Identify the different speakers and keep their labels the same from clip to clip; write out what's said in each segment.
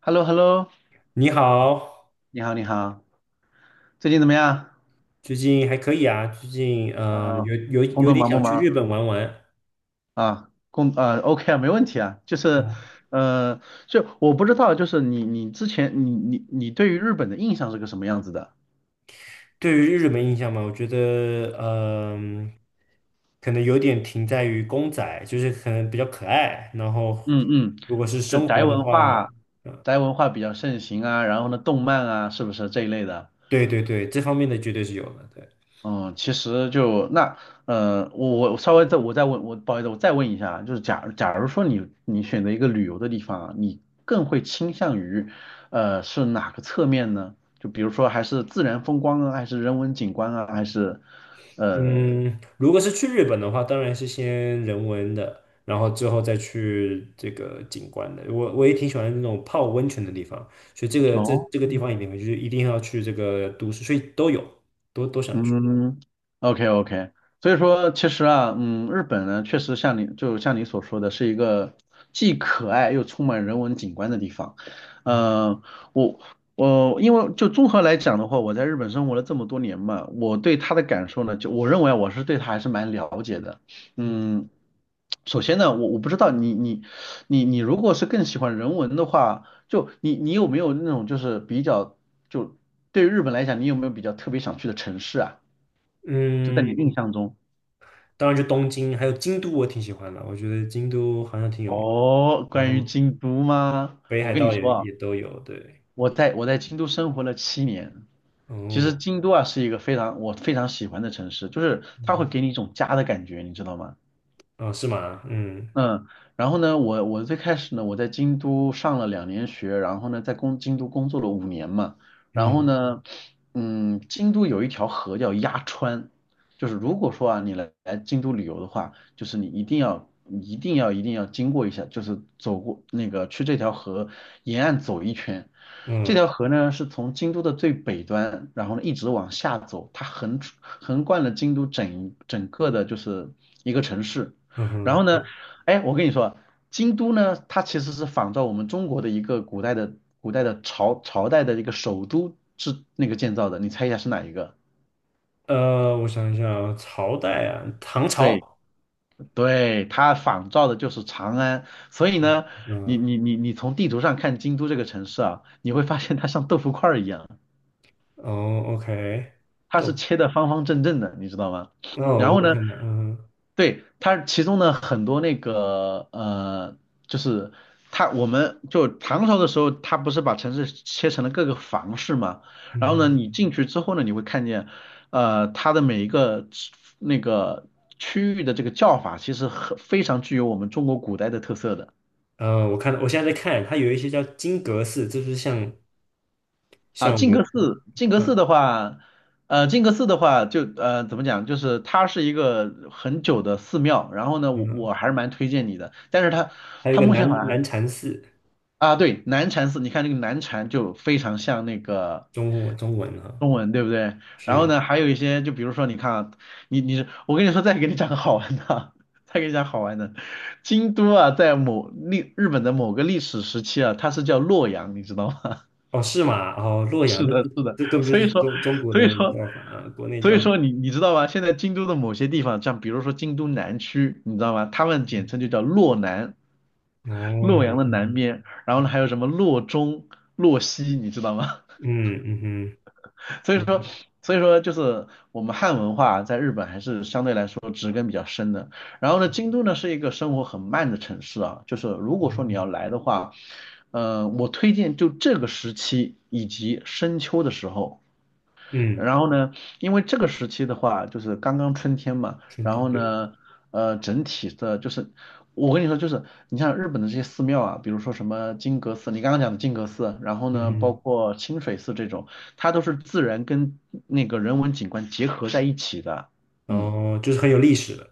Speaker 1: h e l l o h e l l o
Speaker 2: 你好，
Speaker 1: 你好，你好。最近怎么样？
Speaker 2: 最近还可以啊，最近
Speaker 1: 嗯、
Speaker 2: 有有
Speaker 1: 工
Speaker 2: 有
Speaker 1: 作
Speaker 2: 点
Speaker 1: 忙不
Speaker 2: 想去日
Speaker 1: 忙
Speaker 2: 本玩玩。
Speaker 1: 啊？O k 啊，没问题啊。就是，呃，就我不知道，就是你之前你对于日本的印象是个什么样子的？
Speaker 2: 对于日本印象嘛，我觉得可能有点停在于公仔，就是可能比较可爱。然后
Speaker 1: 嗯嗯。
Speaker 2: 如果是
Speaker 1: 就
Speaker 2: 生活的话，嗯，
Speaker 1: 宅文化比较盛行啊。然后呢，动漫啊，是不是这一类的？
Speaker 2: 对对对，这方面的绝对是有的。对。
Speaker 1: 嗯，其实就那，我稍微再我再问，我不好意思，我再问一下啊，就是假如说你选择一个旅游的地方啊，你更会倾向于，是哪个侧面呢？就比如说还是自然风光啊，还是人文景观啊，还是，呃，
Speaker 2: 嗯，如果是去日本的话，当然是先人文的，然后之后再去这个景观的。我也挺喜欢那种泡温泉的地方，所以这个这
Speaker 1: 哦，
Speaker 2: 这个地方一定要去这个都市，所以都有，都想去。
Speaker 1: 嗯，OK OK。所以说其实啊，日本呢确实就像你所说的，是一个既可爱又充满人文景观的地方。
Speaker 2: 嗯
Speaker 1: 呃，我我因为就综合来讲的话，我在日本生活了这么多年嘛，我对它的感受呢，就我认为啊我是对它还是蛮了解的。
Speaker 2: 嗯
Speaker 1: 嗯，首先呢，我不知道你如果是更喜欢人文的话。就你有没有那种就是比较就对于日本来讲，你有没有比较特别想去的城市啊？就在你的
Speaker 2: 嗯，
Speaker 1: 印象中。
Speaker 2: 当然就东京，还有京都，我挺喜欢的，我觉得京都好像挺有名。
Speaker 1: 哦，
Speaker 2: 然
Speaker 1: 关于
Speaker 2: 后
Speaker 1: 京都吗？
Speaker 2: 北
Speaker 1: 我
Speaker 2: 海
Speaker 1: 跟你
Speaker 2: 道
Speaker 1: 说
Speaker 2: 也
Speaker 1: 啊，
Speaker 2: 也都有，对。
Speaker 1: 我在京都生活了7年。其实
Speaker 2: 哦，
Speaker 1: 京都啊是一个非常喜欢的城市，就是它会
Speaker 2: 嗯
Speaker 1: 给你一种家的感觉，你知道吗？
Speaker 2: 哦，是吗？嗯
Speaker 1: 嗯，然后呢，我最开始呢，我在京都上了2年学，然后呢，在京都工作了5年嘛。然后
Speaker 2: 嗯
Speaker 1: 呢，嗯，京都有一条河叫鸭川。就是如果说啊，你京都旅游的话，就是你一定要一定要一定要经过一下，就是走过那个去这条河沿岸走一圈。这
Speaker 2: 嗯
Speaker 1: 条河呢是从京都的最北端，然后呢一直往下走，它横贯了京都整个的就是一个城市。
Speaker 2: 嗯
Speaker 1: 然
Speaker 2: 哼。
Speaker 1: 后呢，哎，我跟你说，京都呢，它其实是仿照我们中国的一个古代的朝代的一个首都是那个建造的，你猜一下是哪一个？
Speaker 2: 我想一下啊，朝代啊，唐
Speaker 1: 对
Speaker 2: 朝。
Speaker 1: 对，它仿照的就是长安。所以呢，你
Speaker 2: 嗯，
Speaker 1: 你你你从地图上看京都这个城市啊，你会发现它像豆腐块儿一样。
Speaker 2: 哦，OK。
Speaker 1: 它
Speaker 2: 都，
Speaker 1: 是切的方方正正的，你知道吗？
Speaker 2: 哦，
Speaker 1: 然
Speaker 2: 我
Speaker 1: 后
Speaker 2: 有
Speaker 1: 呢，
Speaker 2: 看到，嗯哼
Speaker 1: 对，它其中呢很多那个就是我们就唐朝的时候，它不是把城市切成了各个房市嘛？
Speaker 2: 嗯
Speaker 1: 然后呢，
Speaker 2: 哼。
Speaker 1: 你进去之后呢，你会看见，它的每一个那个区域的这个叫法，其实很非常具有我们中国古代的特色的。
Speaker 2: 我看到，我现在在看，它有一些叫金阁寺，这就是像
Speaker 1: 啊，
Speaker 2: 像我们，
Speaker 1: 靖格寺
Speaker 2: 嗯
Speaker 1: 的话，靖格寺的话就，怎么讲，就是它是一个很久的寺庙，然后呢，
Speaker 2: 嗯
Speaker 1: 我
Speaker 2: 哼，
Speaker 1: 我还是蛮推荐你的，但是它
Speaker 2: 还有一
Speaker 1: 它
Speaker 2: 个
Speaker 1: 目前好
Speaker 2: 南
Speaker 1: 像还
Speaker 2: 南禅寺，
Speaker 1: 啊，对，南禅寺。你看那个南禅就非常像那个
Speaker 2: 中文中文啊，
Speaker 1: 中文，对不对？然后
Speaker 2: 是。
Speaker 1: 呢，还有一些，就比如说你看啊，我跟你说，再给你讲个好玩的啊，再给你讲好玩的。京都啊，在日本的某个历史时期啊，它是叫洛阳，你知道吗？
Speaker 2: 哦，是吗？哦，洛阳，
Speaker 1: 是
Speaker 2: 那
Speaker 1: 的，
Speaker 2: 这
Speaker 1: 是的。
Speaker 2: 这根本就
Speaker 1: 所以
Speaker 2: 是
Speaker 1: 说，
Speaker 2: 中国
Speaker 1: 所以
Speaker 2: 的
Speaker 1: 说，
Speaker 2: 叫法啊，国内叫法。
Speaker 1: 你知道吗？现在京都的某些地方，像比如说京都南区，你知道吗？他们简称就叫洛南，
Speaker 2: 哦，
Speaker 1: 洛阳
Speaker 2: 嗯
Speaker 1: 的南
Speaker 2: 嗯
Speaker 1: 边。然后呢还有什么洛中、洛西，你知道吗？
Speaker 2: 嗯嗯哼，
Speaker 1: 所以说，就是我们汉文化在日本还是相对来说植根比较深的。然后呢，京都呢是一个生活很慢的城市啊，就是如果说你要
Speaker 2: 嗯，
Speaker 1: 来的话，我推荐就这个时期以及深秋的时候。
Speaker 2: 嗯
Speaker 1: 然后呢，因为这个时期的话，就是刚刚春天嘛，
Speaker 2: 春
Speaker 1: 然
Speaker 2: 天
Speaker 1: 后
Speaker 2: 对，
Speaker 1: 呢，整体的就是，我跟你说，就是你像日本的这些寺庙啊，比如说什么金阁寺，你刚刚讲的金阁寺，然后
Speaker 2: 嗯
Speaker 1: 呢，包
Speaker 2: 哼。
Speaker 1: 括清水寺这种，它都是自然跟那个人文景观结合在一起的。嗯。
Speaker 2: 哦，就是很有历史的。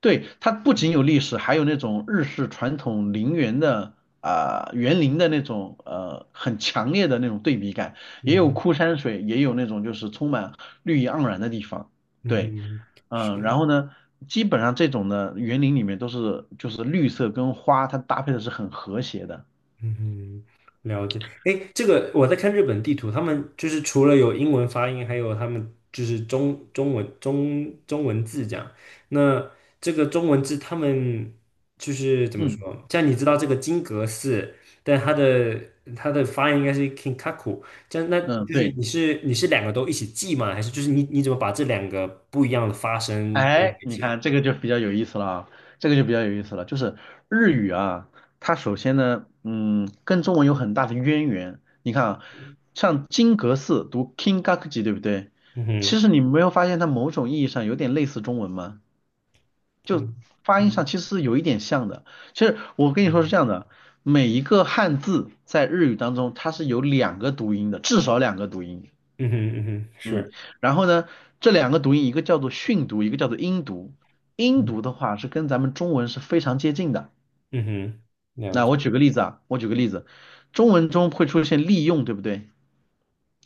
Speaker 1: 对，它不仅有历史，还有那种日式传统陵园的啊、园林的那种很强烈的那种对比感，也
Speaker 2: 嗯
Speaker 1: 有
Speaker 2: 哼，
Speaker 1: 枯山水，也有那种就是充满绿意盎然的地方。
Speaker 2: 嗯
Speaker 1: 对，
Speaker 2: 哼，
Speaker 1: 嗯、然
Speaker 2: 是，
Speaker 1: 后呢，基本上这种的园林里面都是就是绿色跟花，它搭配的是很和谐的。
Speaker 2: 嗯哼，了解。哎，这个我在看日本地图，他们就是除了有英文发音，还有他们就是中文中文字这样。那这个中文字，他们就是怎么
Speaker 1: 嗯
Speaker 2: 说？像你知道这个金阁寺，但它的发音应该是 Kinkaku，这样那
Speaker 1: 嗯，
Speaker 2: 就是
Speaker 1: 对。
Speaker 2: 你是两个都一起记吗？还是就是你怎么把这两个不一样的发声对在
Speaker 1: 哎，
Speaker 2: 一
Speaker 1: 你
Speaker 2: 起的？
Speaker 1: 看这个就比较有意思了啊。这个就比较有意思了，就是日语啊，它首先呢，跟中文有很大的渊源。你看啊，像金阁寺读 Kingakuji，对不对？
Speaker 2: 嗯
Speaker 1: 其
Speaker 2: 哼。
Speaker 1: 实你没有发现它某种意义上有点类似中文吗？就
Speaker 2: 嗯
Speaker 1: 发音上
Speaker 2: 嗯
Speaker 1: 其实是有一点像的。其实我跟你说是这样的，每一个汉字在日语当中它是有两个读音的，至少两个读音。
Speaker 2: 嗯哼嗯哼，
Speaker 1: 嗯，
Speaker 2: 是，
Speaker 1: 然后呢，这两个读音，一个叫做训读，一个叫做音读。音读的话是跟咱们中文是非常接近的。
Speaker 2: 嗯哼，了
Speaker 1: 那
Speaker 2: 解，
Speaker 1: 我举个例子啊，我举个例子，中文中会出现利用，对不对？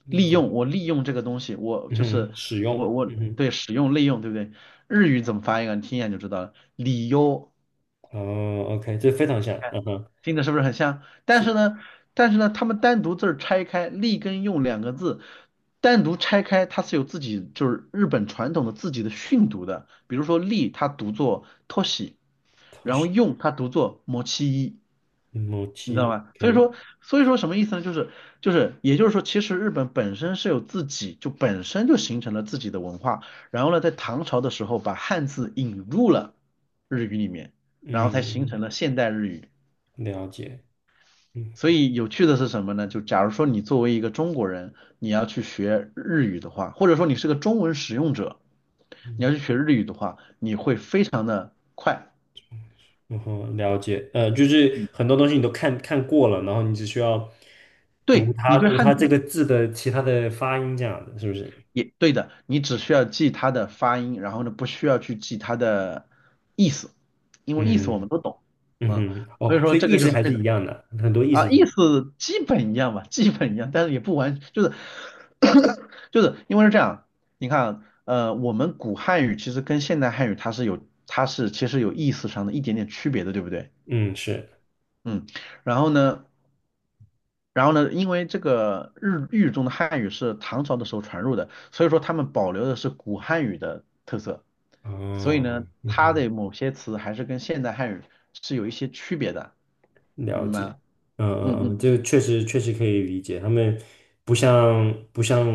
Speaker 2: 利
Speaker 1: 利
Speaker 2: 用，
Speaker 1: 用，我利用这个东西，我就
Speaker 2: 嗯
Speaker 1: 是
Speaker 2: 哼，使
Speaker 1: 我
Speaker 2: 用，
Speaker 1: 我
Speaker 2: 嗯
Speaker 1: 对使用利用，对不对？日语怎么翻译啊？你听一下你就知道了，理由。
Speaker 2: 哼，哦，OK，这非常像，嗯哼，
Speaker 1: 听着是不是很像？但是
Speaker 2: 是
Speaker 1: 呢，他们单独字儿拆开，立跟用两个字单独拆开，它是有自己就是日本传统的自己的训读的。比如说立，它读作 t o s i
Speaker 2: 偷
Speaker 1: 然
Speaker 2: 袭
Speaker 1: 后
Speaker 2: s h
Speaker 1: 用它读作 mochi，
Speaker 2: e m o
Speaker 1: 你知道吗？所以说，什么意思呢？就是也就是说，其实日本本身是有自己就本身就形成了自己的文化。然后呢，在唐朝的时候把汉字引入了日语里面，然后才形
Speaker 2: 嗯，
Speaker 1: 成了现代日语。
Speaker 2: 了解，嗯
Speaker 1: 所以有趣的是什么呢？就假如说你作为一个中国人，你要去学日语的话，或者说你是个中文使用者，你要
Speaker 2: 嗯。
Speaker 1: 去学日语的话，你会非常的快。
Speaker 2: 然后了解，就是
Speaker 1: 嗯，
Speaker 2: 很多东西你都看过了，然后你只需要读
Speaker 1: 对，
Speaker 2: 它
Speaker 1: 你对
Speaker 2: 读它
Speaker 1: 汉
Speaker 2: 这
Speaker 1: 字
Speaker 2: 个字的其他的发音这样的，是不是？
Speaker 1: 也对的，你只需要记它的发音，然后呢，不需要去记它的意思，因为意思我
Speaker 2: 嗯
Speaker 1: 们都懂啊。
Speaker 2: 嗯哼，
Speaker 1: 所以
Speaker 2: 哦，
Speaker 1: 说
Speaker 2: 所以
Speaker 1: 这
Speaker 2: 意
Speaker 1: 个就
Speaker 2: 思
Speaker 1: 是
Speaker 2: 还
Speaker 1: 非
Speaker 2: 是
Speaker 1: 常。
Speaker 2: 一样的，很多意
Speaker 1: 啊，
Speaker 2: 思是
Speaker 1: 意
Speaker 2: 一
Speaker 1: 思基本一样吧，基本一样，但是也不完，就是 就是因为是这样，你看，我们古汉语其实跟现代汉语它是有，它是其实有意思上的一点点区别的，对不对？
Speaker 2: 嗯，是。
Speaker 1: 嗯，然后呢，因为这个日语中的汉语是唐朝的时候传入的，所以说他们保留的是古汉语的特色，所以呢，
Speaker 2: 哦，嗯
Speaker 1: 它
Speaker 2: 哼，
Speaker 1: 的某些词还是跟现代汉语是有一些区别的，
Speaker 2: 了
Speaker 1: 明白
Speaker 2: 解，
Speaker 1: 吗？
Speaker 2: 嗯嗯
Speaker 1: 嗯
Speaker 2: 嗯，
Speaker 1: 嗯。
Speaker 2: 这个确实确实可以理解，他们不像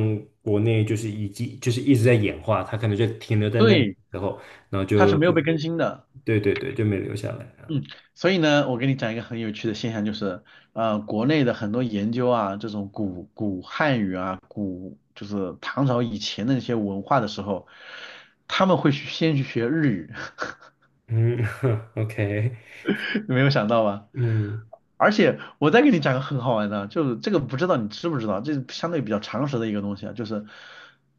Speaker 2: 国内就是已经就是一直在演化，他可能就停留在那
Speaker 1: 对，
Speaker 2: 后，然后
Speaker 1: 它是
Speaker 2: 就
Speaker 1: 没有
Speaker 2: 就
Speaker 1: 被更新的。
Speaker 2: 对对对，就没留下来啊。
Speaker 1: 嗯，所以呢，我给你讲一个很有趣的现象，就是，国内的很多研究啊，这种古汉语啊，古就是唐朝以前的那些文化的时候，他们会去先去学日语，
Speaker 2: 嗯 ，OK，
Speaker 1: 你没有想到吧？
Speaker 2: 嗯，
Speaker 1: 而且我再给你讲个很好玩的，就是这个不知道你知不知道，这是相对比较常识的一个东西啊，就是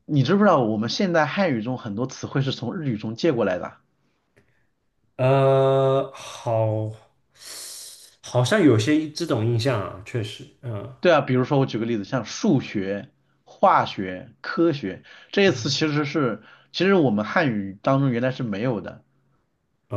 Speaker 1: 你知不知道我们现代汉语中很多词汇是从日语中借过来的？
Speaker 2: 呃，好，好像有些这种印象啊，确实，嗯，
Speaker 1: 对啊，比如说我举个例子，像数学、化学、科学这些词，
Speaker 2: 嗯
Speaker 1: 其实是其实我们汉语当中原来是没有的。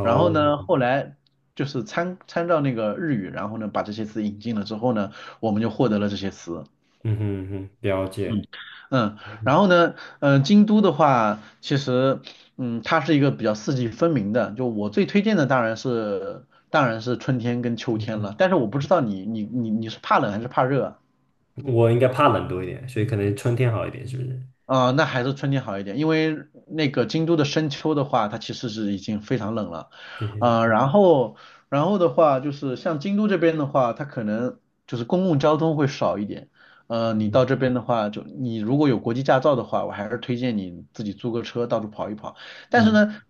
Speaker 1: 然后呢，后来就是参照那个日语，然后呢把这些词引进了之后呢，我们就获得了这些词。
Speaker 2: 嗯哼嗯哼，了
Speaker 1: 嗯
Speaker 2: 解。
Speaker 1: 嗯，然后呢，京都的话，其实它是一个比较四季分明的。就我最推荐的当然是春天跟秋天了，但是我不知道你是怕冷还是怕热啊？
Speaker 2: 我应该怕冷多一点，所以可能春天好一点，是不是？
Speaker 1: 啊，那还是春天好一点，因为那个京都的深秋的话，它其实是已经非常冷了。
Speaker 2: 偏向凉。
Speaker 1: 然后，的话就是像京都这边的话，它可能就是公共交通会少一点。你到这边的话，就你如果有国际驾照的话，我还是推荐你自己租个车到处跑一跑。但是
Speaker 2: 嗯
Speaker 1: 呢，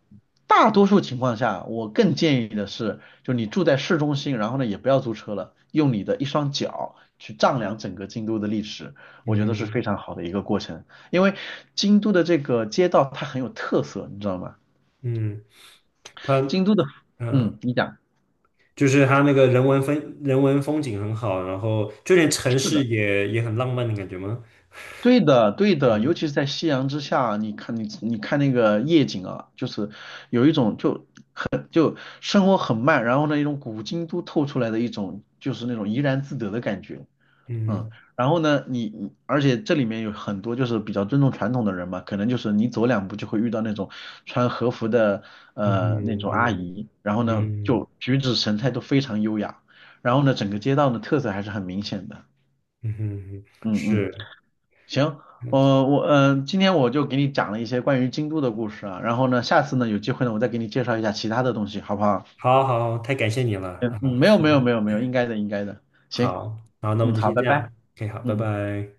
Speaker 1: 大多数情况下，我更建议的是，就你住在市中心，然后呢也不要租车了，用你的一双脚去丈量整个京都的历史，
Speaker 2: 嗯
Speaker 1: 我觉得是非
Speaker 2: 嗯
Speaker 1: 常好的一个过程。因为京都的这个街道它很有特色，你知道吗？
Speaker 2: 嗯，它
Speaker 1: 京都的，
Speaker 2: 嗯，
Speaker 1: 嗯，你讲，
Speaker 2: 就是它那个人文风景很好，然后就连城
Speaker 1: 是
Speaker 2: 市
Speaker 1: 的，
Speaker 2: 也很浪漫的感觉吗？
Speaker 1: 对的，对的，尤其是在夕阳之下，你看你看那个夜景啊，就是有一种就生活很慢，然后呢一种古京都透出来的一种就是那种怡然自得的感觉。嗯，
Speaker 2: 嗯
Speaker 1: 然后呢，而且这里面有很多就是比较尊重传统的人嘛，可能就是你走两步就会遇到那种穿和服的
Speaker 2: 嗯
Speaker 1: 那
Speaker 2: 哼
Speaker 1: 种阿
Speaker 2: 嗯
Speaker 1: 姨，然后呢
Speaker 2: 嗯
Speaker 1: 就举止神态都非常优雅，然后呢整个街道呢特色还是很明显的。
Speaker 2: 嗯哼，
Speaker 1: 嗯嗯，
Speaker 2: 是，
Speaker 1: 行，我今天我就给你讲了一些关于京都的故事啊，然后呢下次呢有机会呢我再给你介绍一下其他的东西，好不好？
Speaker 2: 好好，太感谢你了
Speaker 1: 嗯
Speaker 2: 啊！
Speaker 1: 嗯，没有没有没有没有，应该的应该的，行，
Speaker 2: 好好，那我们
Speaker 1: 嗯
Speaker 2: 就
Speaker 1: 好，
Speaker 2: 先
Speaker 1: 拜
Speaker 2: 这样
Speaker 1: 拜，
Speaker 2: ，OK，好，拜
Speaker 1: 嗯。
Speaker 2: 拜。